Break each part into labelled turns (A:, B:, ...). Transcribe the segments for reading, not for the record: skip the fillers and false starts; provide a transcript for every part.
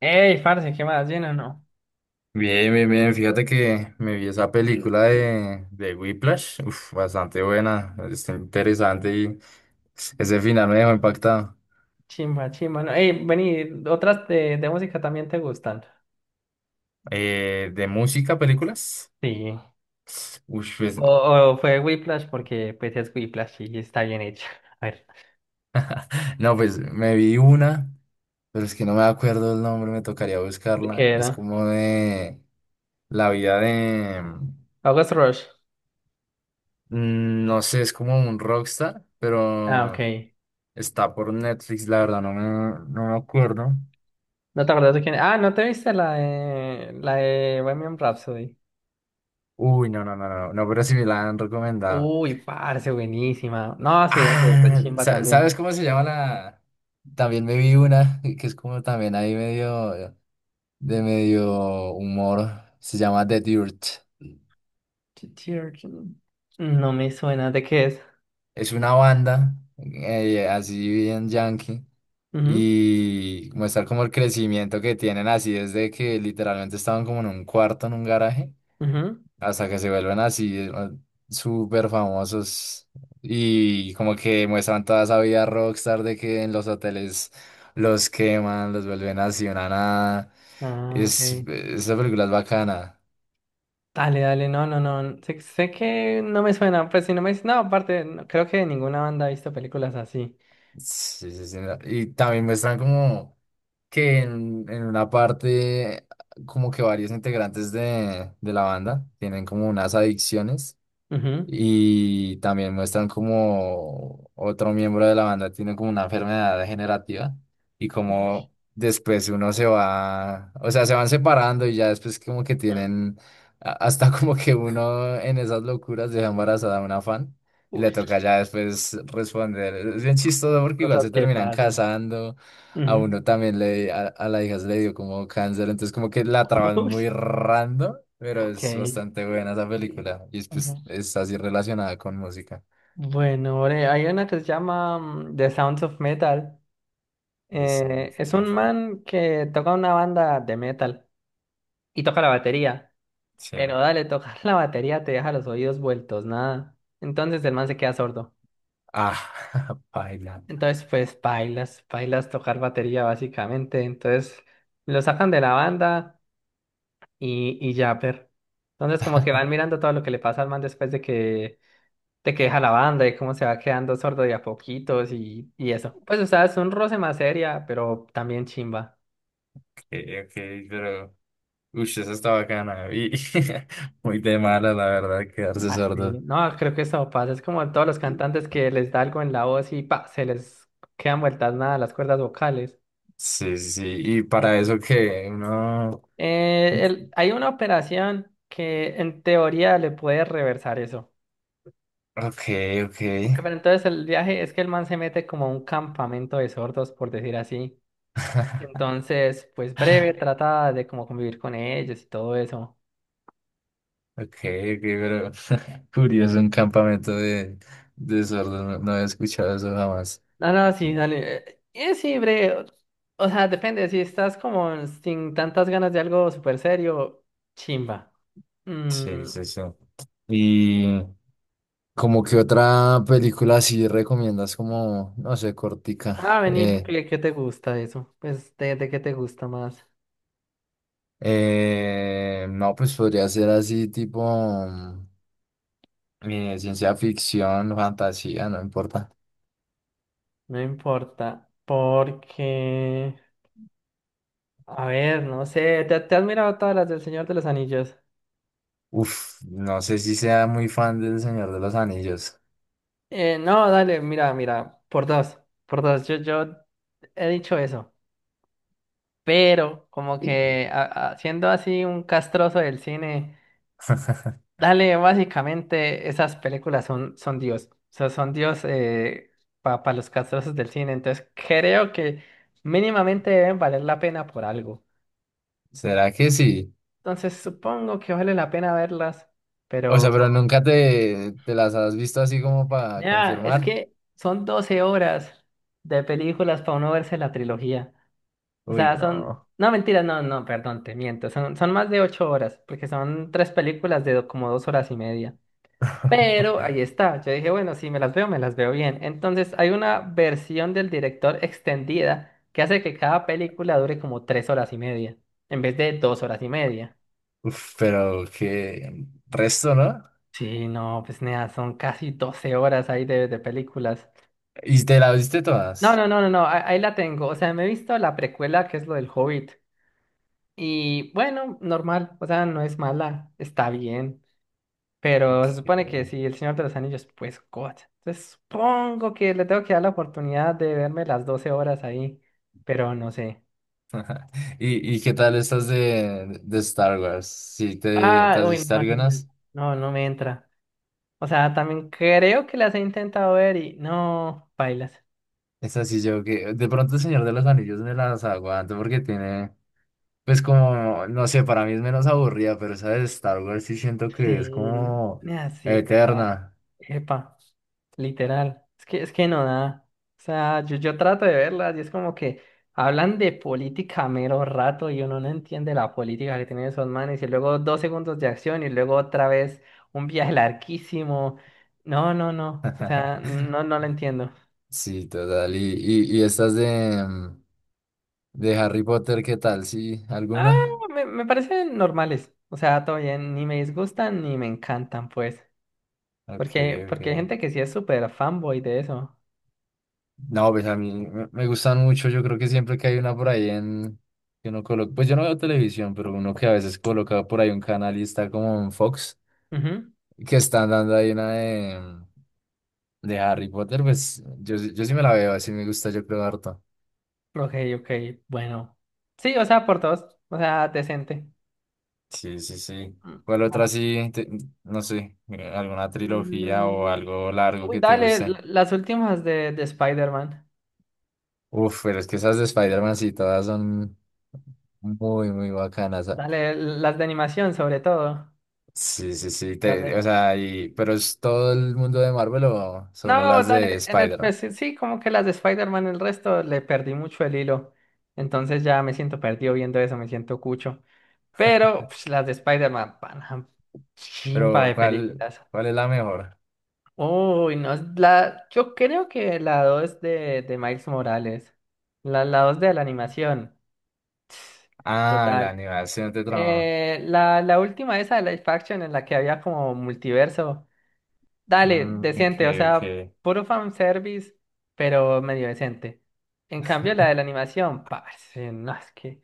A: Ey, parce, ¿qué más? ¿Bien o no?
B: Bien, bien, bien. Fíjate que me vi esa película de Whiplash. Uf, bastante buena. Está interesante y ese final me dejó impactado.
A: Chimba, chimba, no. Ey, vení, ¿otras de música también te gustan?
B: ¿De música, películas?
A: Sí.
B: Uf, pues,
A: O, o fue Whiplash porque pues es Whiplash y está bien hecha. A ver,
B: no, pues me vi una, pero es que no me acuerdo el nombre, me tocaría
A: ¿de
B: buscarla.
A: qué
B: Es
A: era?
B: como de la vida de,
A: August Rush.
B: no sé, es como un rockstar,
A: Ah,
B: pero
A: ok.
B: está por Netflix, la verdad, no me acuerdo.
A: ¿No te acuerdas de quién? Ah, ¿no te viste la de Bohemian Rhapsody?
B: Uy, no, no, no, no, no, pero sí me la han recomendado.
A: Uy, parce, buenísima. No, sí, de
B: Ah,
A: chimba también.
B: ¿sabes cómo se llama la? También me vi una que es como también ahí medio de medio humor. Se llama The Dirt.
A: Ch- Chir- No me suena, ¿de qué es?
B: Es una banda así bien yankee
A: Ujú,
B: y muestra como el crecimiento que tienen así desde que literalmente estaban como en un cuarto en un garaje
A: ujú.
B: hasta que se vuelven así súper famosos, y como que muestran toda esa vida rockstar de que en los hoteles los queman, los vuelven así una nada.
A: Ah, ok.
B: Esa película es bacana.
A: Dale, dale, no, no, no. Sé que no me suena, pues si no me dices, no, aparte, no, creo que ninguna banda ha visto películas así.
B: Sí, sí, sí. Y también muestran como que en una parte como que varios integrantes de la banda tienen como unas adicciones.
A: Ujú,
B: Y también muestran como otro miembro de la banda tiene como una enfermedad degenerativa, y
A: ujú.
B: como después uno se va, o sea, se van separando, y ya después como que tienen, hasta como que uno en esas locuras deja embarazada a una fan y
A: Uy.
B: le toca ya después responder. Es bien chistoso porque igual
A: Cosas
B: se
A: que
B: terminan
A: pasan.
B: casando, a
A: Ujú.
B: uno también le, a la hija se le dio como cáncer, entonces como que la traban
A: Uy.
B: muy random, pero
A: Ok.
B: es bastante buena esa película. Y es,
A: Ujú.
B: pues, es así relacionada con música.
A: Bueno, ore, hay una que se llama The Sounds of Metal.
B: The Sound of
A: Es un
B: Metal.
A: man que toca una banda de metal y toca la batería.
B: Sí.
A: Pero dale, tocar la batería te deja los oídos vueltos, nada. Entonces el man se queda sordo.
B: Ah, baila.
A: Entonces, pues, bailas, bailas tocar batería básicamente. Entonces, lo sacan de la banda y ya, per. Entonces, como que van mirando todo lo que le pasa al man después de que deja la banda y cómo se va quedando sordo de a poquitos y eso. Pues, o sea, es un roce más seria, pero también chimba.
B: Okay, ok, pero. Uy, eso está bacana. Y muy de mala, la verdad, quedarse
A: Así,
B: sordo.
A: no, creo que eso pasa. Es como todos los cantantes que les da algo en la voz y pa, se les quedan vueltas nada las cuerdas vocales.
B: Sí, sí, sí. Y
A: Eh,
B: para eso que uno.
A: Hay una operación que en teoría le puede reversar eso.
B: Ok, ok.
A: Ok, pero entonces el viaje es que el man se mete como a un campamento de sordos, por decir así. Entonces, pues breve, trata de como convivir con ellos y todo eso.
B: Ok, ok, pero curioso, un campamento de sordos, no, no había escuchado eso jamás.
A: No, no, sí, dale. Sí, breve. O sea, depende, si estás como sin tantas ganas de algo súper serio, chimba.
B: Sí,
A: Mm,
B: sí, sí. Y como que otra película así recomiendas como, no sé, cortica.
A: Vení,
B: Eh,
A: porque ¿qué te gusta de eso? Pues, ¿de qué te gusta más?
B: no, pues podría ser así tipo ciencia ficción, fantasía, no importa.
A: No importa, porque... A ver, no sé, ¿te has mirado todas las del Señor de los Anillos?
B: Uf, no sé si sea muy fan del Señor de los Anillos.
A: No, dale, mira, mira, por dos, yo he dicho eso, pero como que siendo así un castroso del cine, dale, básicamente esas películas son Dios, o sea, son Dios para los castrosos del cine, entonces creo que mínimamente deben valer la pena por algo,
B: ¿Será que sí?
A: entonces supongo que vale la pena verlas.
B: O sea, pero
A: Pero
B: nunca te las has visto así como para
A: ya, es
B: confirmar.
A: que son 12 horas de películas para uno verse la trilogía. O
B: Uy,
A: sea, son...
B: no.
A: No, mentira, no, no, perdón, te miento. Son más de 8 horas, porque son 3 películas de como 2 horas y media. Pero ahí está. Yo dije, bueno, si me las veo, me las veo bien. Entonces, hay una versión del director extendida que hace que cada película dure como 3 horas y media, en vez de 2 horas y media.
B: Uf, pero qué resto, ¿no?
A: Sí, no, pues nada, son casi 12 horas ahí de películas.
B: ¿Y te la viste
A: No,
B: todas?
A: no, no, no, no, ahí la tengo. O sea, me he visto la precuela que es lo del Hobbit. Y bueno, normal, o sea, no es mala, está bien. Pero se supone que
B: ¿Qué?
A: si El Señor de los Anillos, pues God. Entonces supongo que le tengo que dar la oportunidad de verme las 12 horas ahí, pero no sé.
B: ¿Y qué tal estas de Star Wars? ¿Sí te
A: Ah,
B: has
A: uy,
B: visto
A: no,
B: algunas?
A: no, no me entra. O sea, también creo que las he intentado ver y no, bailas.
B: Es así, yo que de pronto el Señor de los Anillos me las aguanto porque tiene, pues como, no sé, para mí es menos aburrida, pero esa de Star Wars sí siento que es
A: Sí,
B: como
A: nada, sí, total.
B: eterna.
A: Epa, literal. Es que no da. O sea, yo trato de verlas y es como que hablan de política a mero rato y uno no entiende la política que tienen esos manes y luego 2 segundos de acción y luego otra vez un viaje larguísimo. No, no, no. O sea, no, no lo entiendo.
B: Sí, total. ¿Y estas de Harry Potter, qué tal? ¿Sí?
A: Ah,
B: ¿Alguna?
A: me parecen normales. O sea, todo bien, ni me disgustan ni me encantan, pues.
B: Ok,
A: Porque,
B: ok.
A: porque hay gente que sí es súper fanboy de eso.
B: No, pues a mí me gustan mucho. Yo creo que siempre que hay una por ahí en. Que uno coloca. Pues yo no veo televisión, pero uno que a veces coloca por ahí un canal y está como en Fox,
A: Ujú.
B: que están dando ahí una de Harry Potter, pues yo sí me la veo, así me gusta, yo creo, harto.
A: Ok, ok, bueno. Sí, o sea, por dos. O sea, decente.
B: Sí, sí, sí.
A: Mm,
B: ¿Cuál otra
A: bueno.
B: sí? No sé, ¿alguna trilogía o
A: Mm,
B: algo largo
A: Uy,
B: que te
A: dale,
B: guste?
A: las últimas de Spider-Man.
B: Uf, pero es que esas de Spider-Man sí todas son muy, muy bacanas. Ah.
A: Dale, las de animación sobre todo.
B: Sí, sí, sí.
A: Las
B: te- o
A: de...
B: sea, y, pero ¿es todo el mundo de Marvel o solo
A: No,
B: las
A: dale,
B: de
A: en
B: Spider-Man?
A: especial, sí, sí, como que las de Spider-Man, el resto le perdí mucho el hilo. Entonces ya me siento perdido viendo eso, me siento cucho. Pero pues, las de Spider-Man, pana, chimpa
B: Pero
A: de
B: ¿cuál,
A: películas.
B: cuál es la mejor?
A: Uy, no, es la, yo creo que la 2 de Miles Morales. La 2 de la animación.
B: Ah, la
A: Total.
B: animación de trama.
A: La última esa de Life Action en la que había como multiverso. Dale,
B: Ok,
A: decente, o sea,
B: ok.
A: puro fanservice, pero medio decente. En cambio, la de la animación, parce, no, es que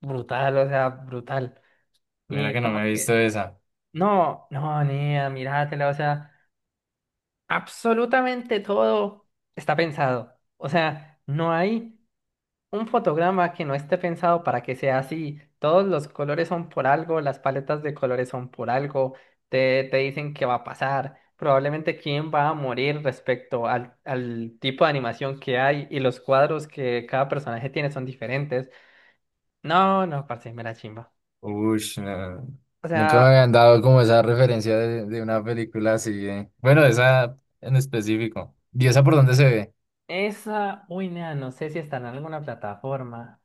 A: brutal, o sea, brutal.
B: Mira
A: Y
B: que no
A: como
B: me he visto
A: que,
B: esa.
A: no, no, niña, míratela, o sea. Absolutamente todo está pensado. O sea, no hay un fotograma que no esté pensado para que sea así. Todos los colores son por algo, las paletas de colores son por algo, te dicen qué va a pasar, probablemente quién va a morir respecto al, al tipo de animación que hay y los cuadros que cada personaje tiene son diferentes. No, no, parce, me la chimba.
B: Ush, no.
A: O
B: Nunca me
A: sea,
B: habían dado como esa referencia de una película así. Bueno, esa en específico. ¿Y esa por dónde se ve?
A: esa, uy, nea, no sé si está en alguna plataforma.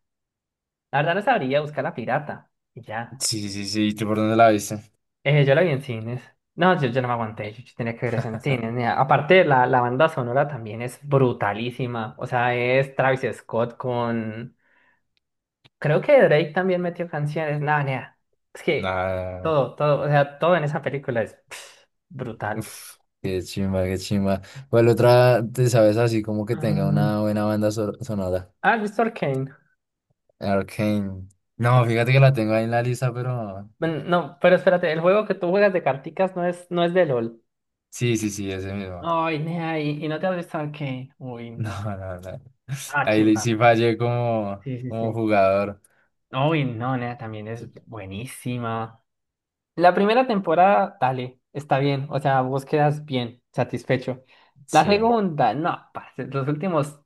A: La verdad no sabría buscar la pirata. Y ya.
B: Sí, sí, sí. ¿Tú por dónde la viste?
A: Yo la vi en cines. No, yo no me aguanté, yo tenía que ver eso en cines. Mira, aparte, la banda sonora también es brutalísima. O sea, es Travis Scott con... Creo que Drake también metió canciones. No, nea. Es que
B: Ah,
A: todo, todo, o sea, todo en esa película es pff, brutal.
B: uf, qué chimba, qué chimba. ¿Cuál otra te sabes así como que tenga
A: Ah,
B: una buena banda sonora?
A: ¿Has visto Arcane?
B: Arcane. No, fíjate que la tengo ahí en la lista, pero
A: Bueno, no, pero espérate, el juego que tú juegas de carticas no es, no es de LOL.
B: sí, sí, sí, ese mismo.
A: Ay, nea, y no te has visto Arcane. Uy,
B: No,
A: no.
B: no, no.
A: Ah,
B: Ahí
A: chimba.
B: sí fallé como,
A: Sí, sí,
B: como
A: sí.
B: jugador.
A: Uy, no, nena, también es buenísima. La primera temporada, dale, está bien. O sea, vos quedas bien, satisfecho. La
B: Sí.
A: segunda, no, parce,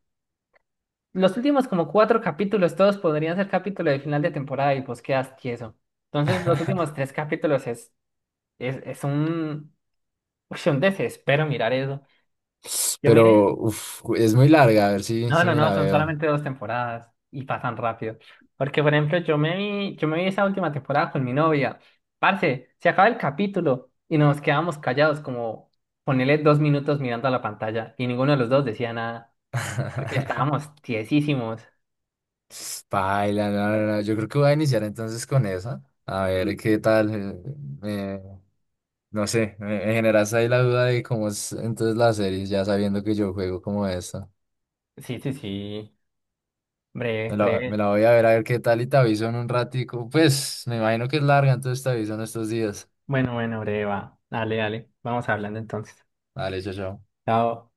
A: los últimos como 4 capítulos, todos podrían ser capítulos de final de temporada y vos quedas tieso. Entonces, los últimos 3 capítulos es un, uy, un desespero mirar eso. Yo miré
B: Pero uf, es muy larga, a ver si,
A: No,
B: si
A: no,
B: me
A: no,
B: la
A: son
B: veo.
A: solamente 2 temporadas y pasan rápido. Porque, por ejemplo, yo me vi esa última temporada con mi novia. Parce, se acaba el capítulo y nos quedamos callados, como ponerle 2 minutos mirando a la pantalla y ninguno de los dos decía nada, porque estábamos tiesísimos.
B: Paila, no, no, no. Yo creo que voy a iniciar entonces con esa. A ver qué tal. Me- No sé, me generaste ahí la duda de cómo es entonces la serie, ya sabiendo que yo juego como esta.
A: Sí, sí, sí.
B: Me
A: Breve,
B: la, me
A: breve.
B: la voy a ver qué tal y te aviso en un ratico. Pues me imagino que es larga, entonces te aviso en estos días.
A: Bueno, bueno, breve, va. Dale, dale. Vamos hablando entonces.
B: Vale, chao, chao.
A: Chao.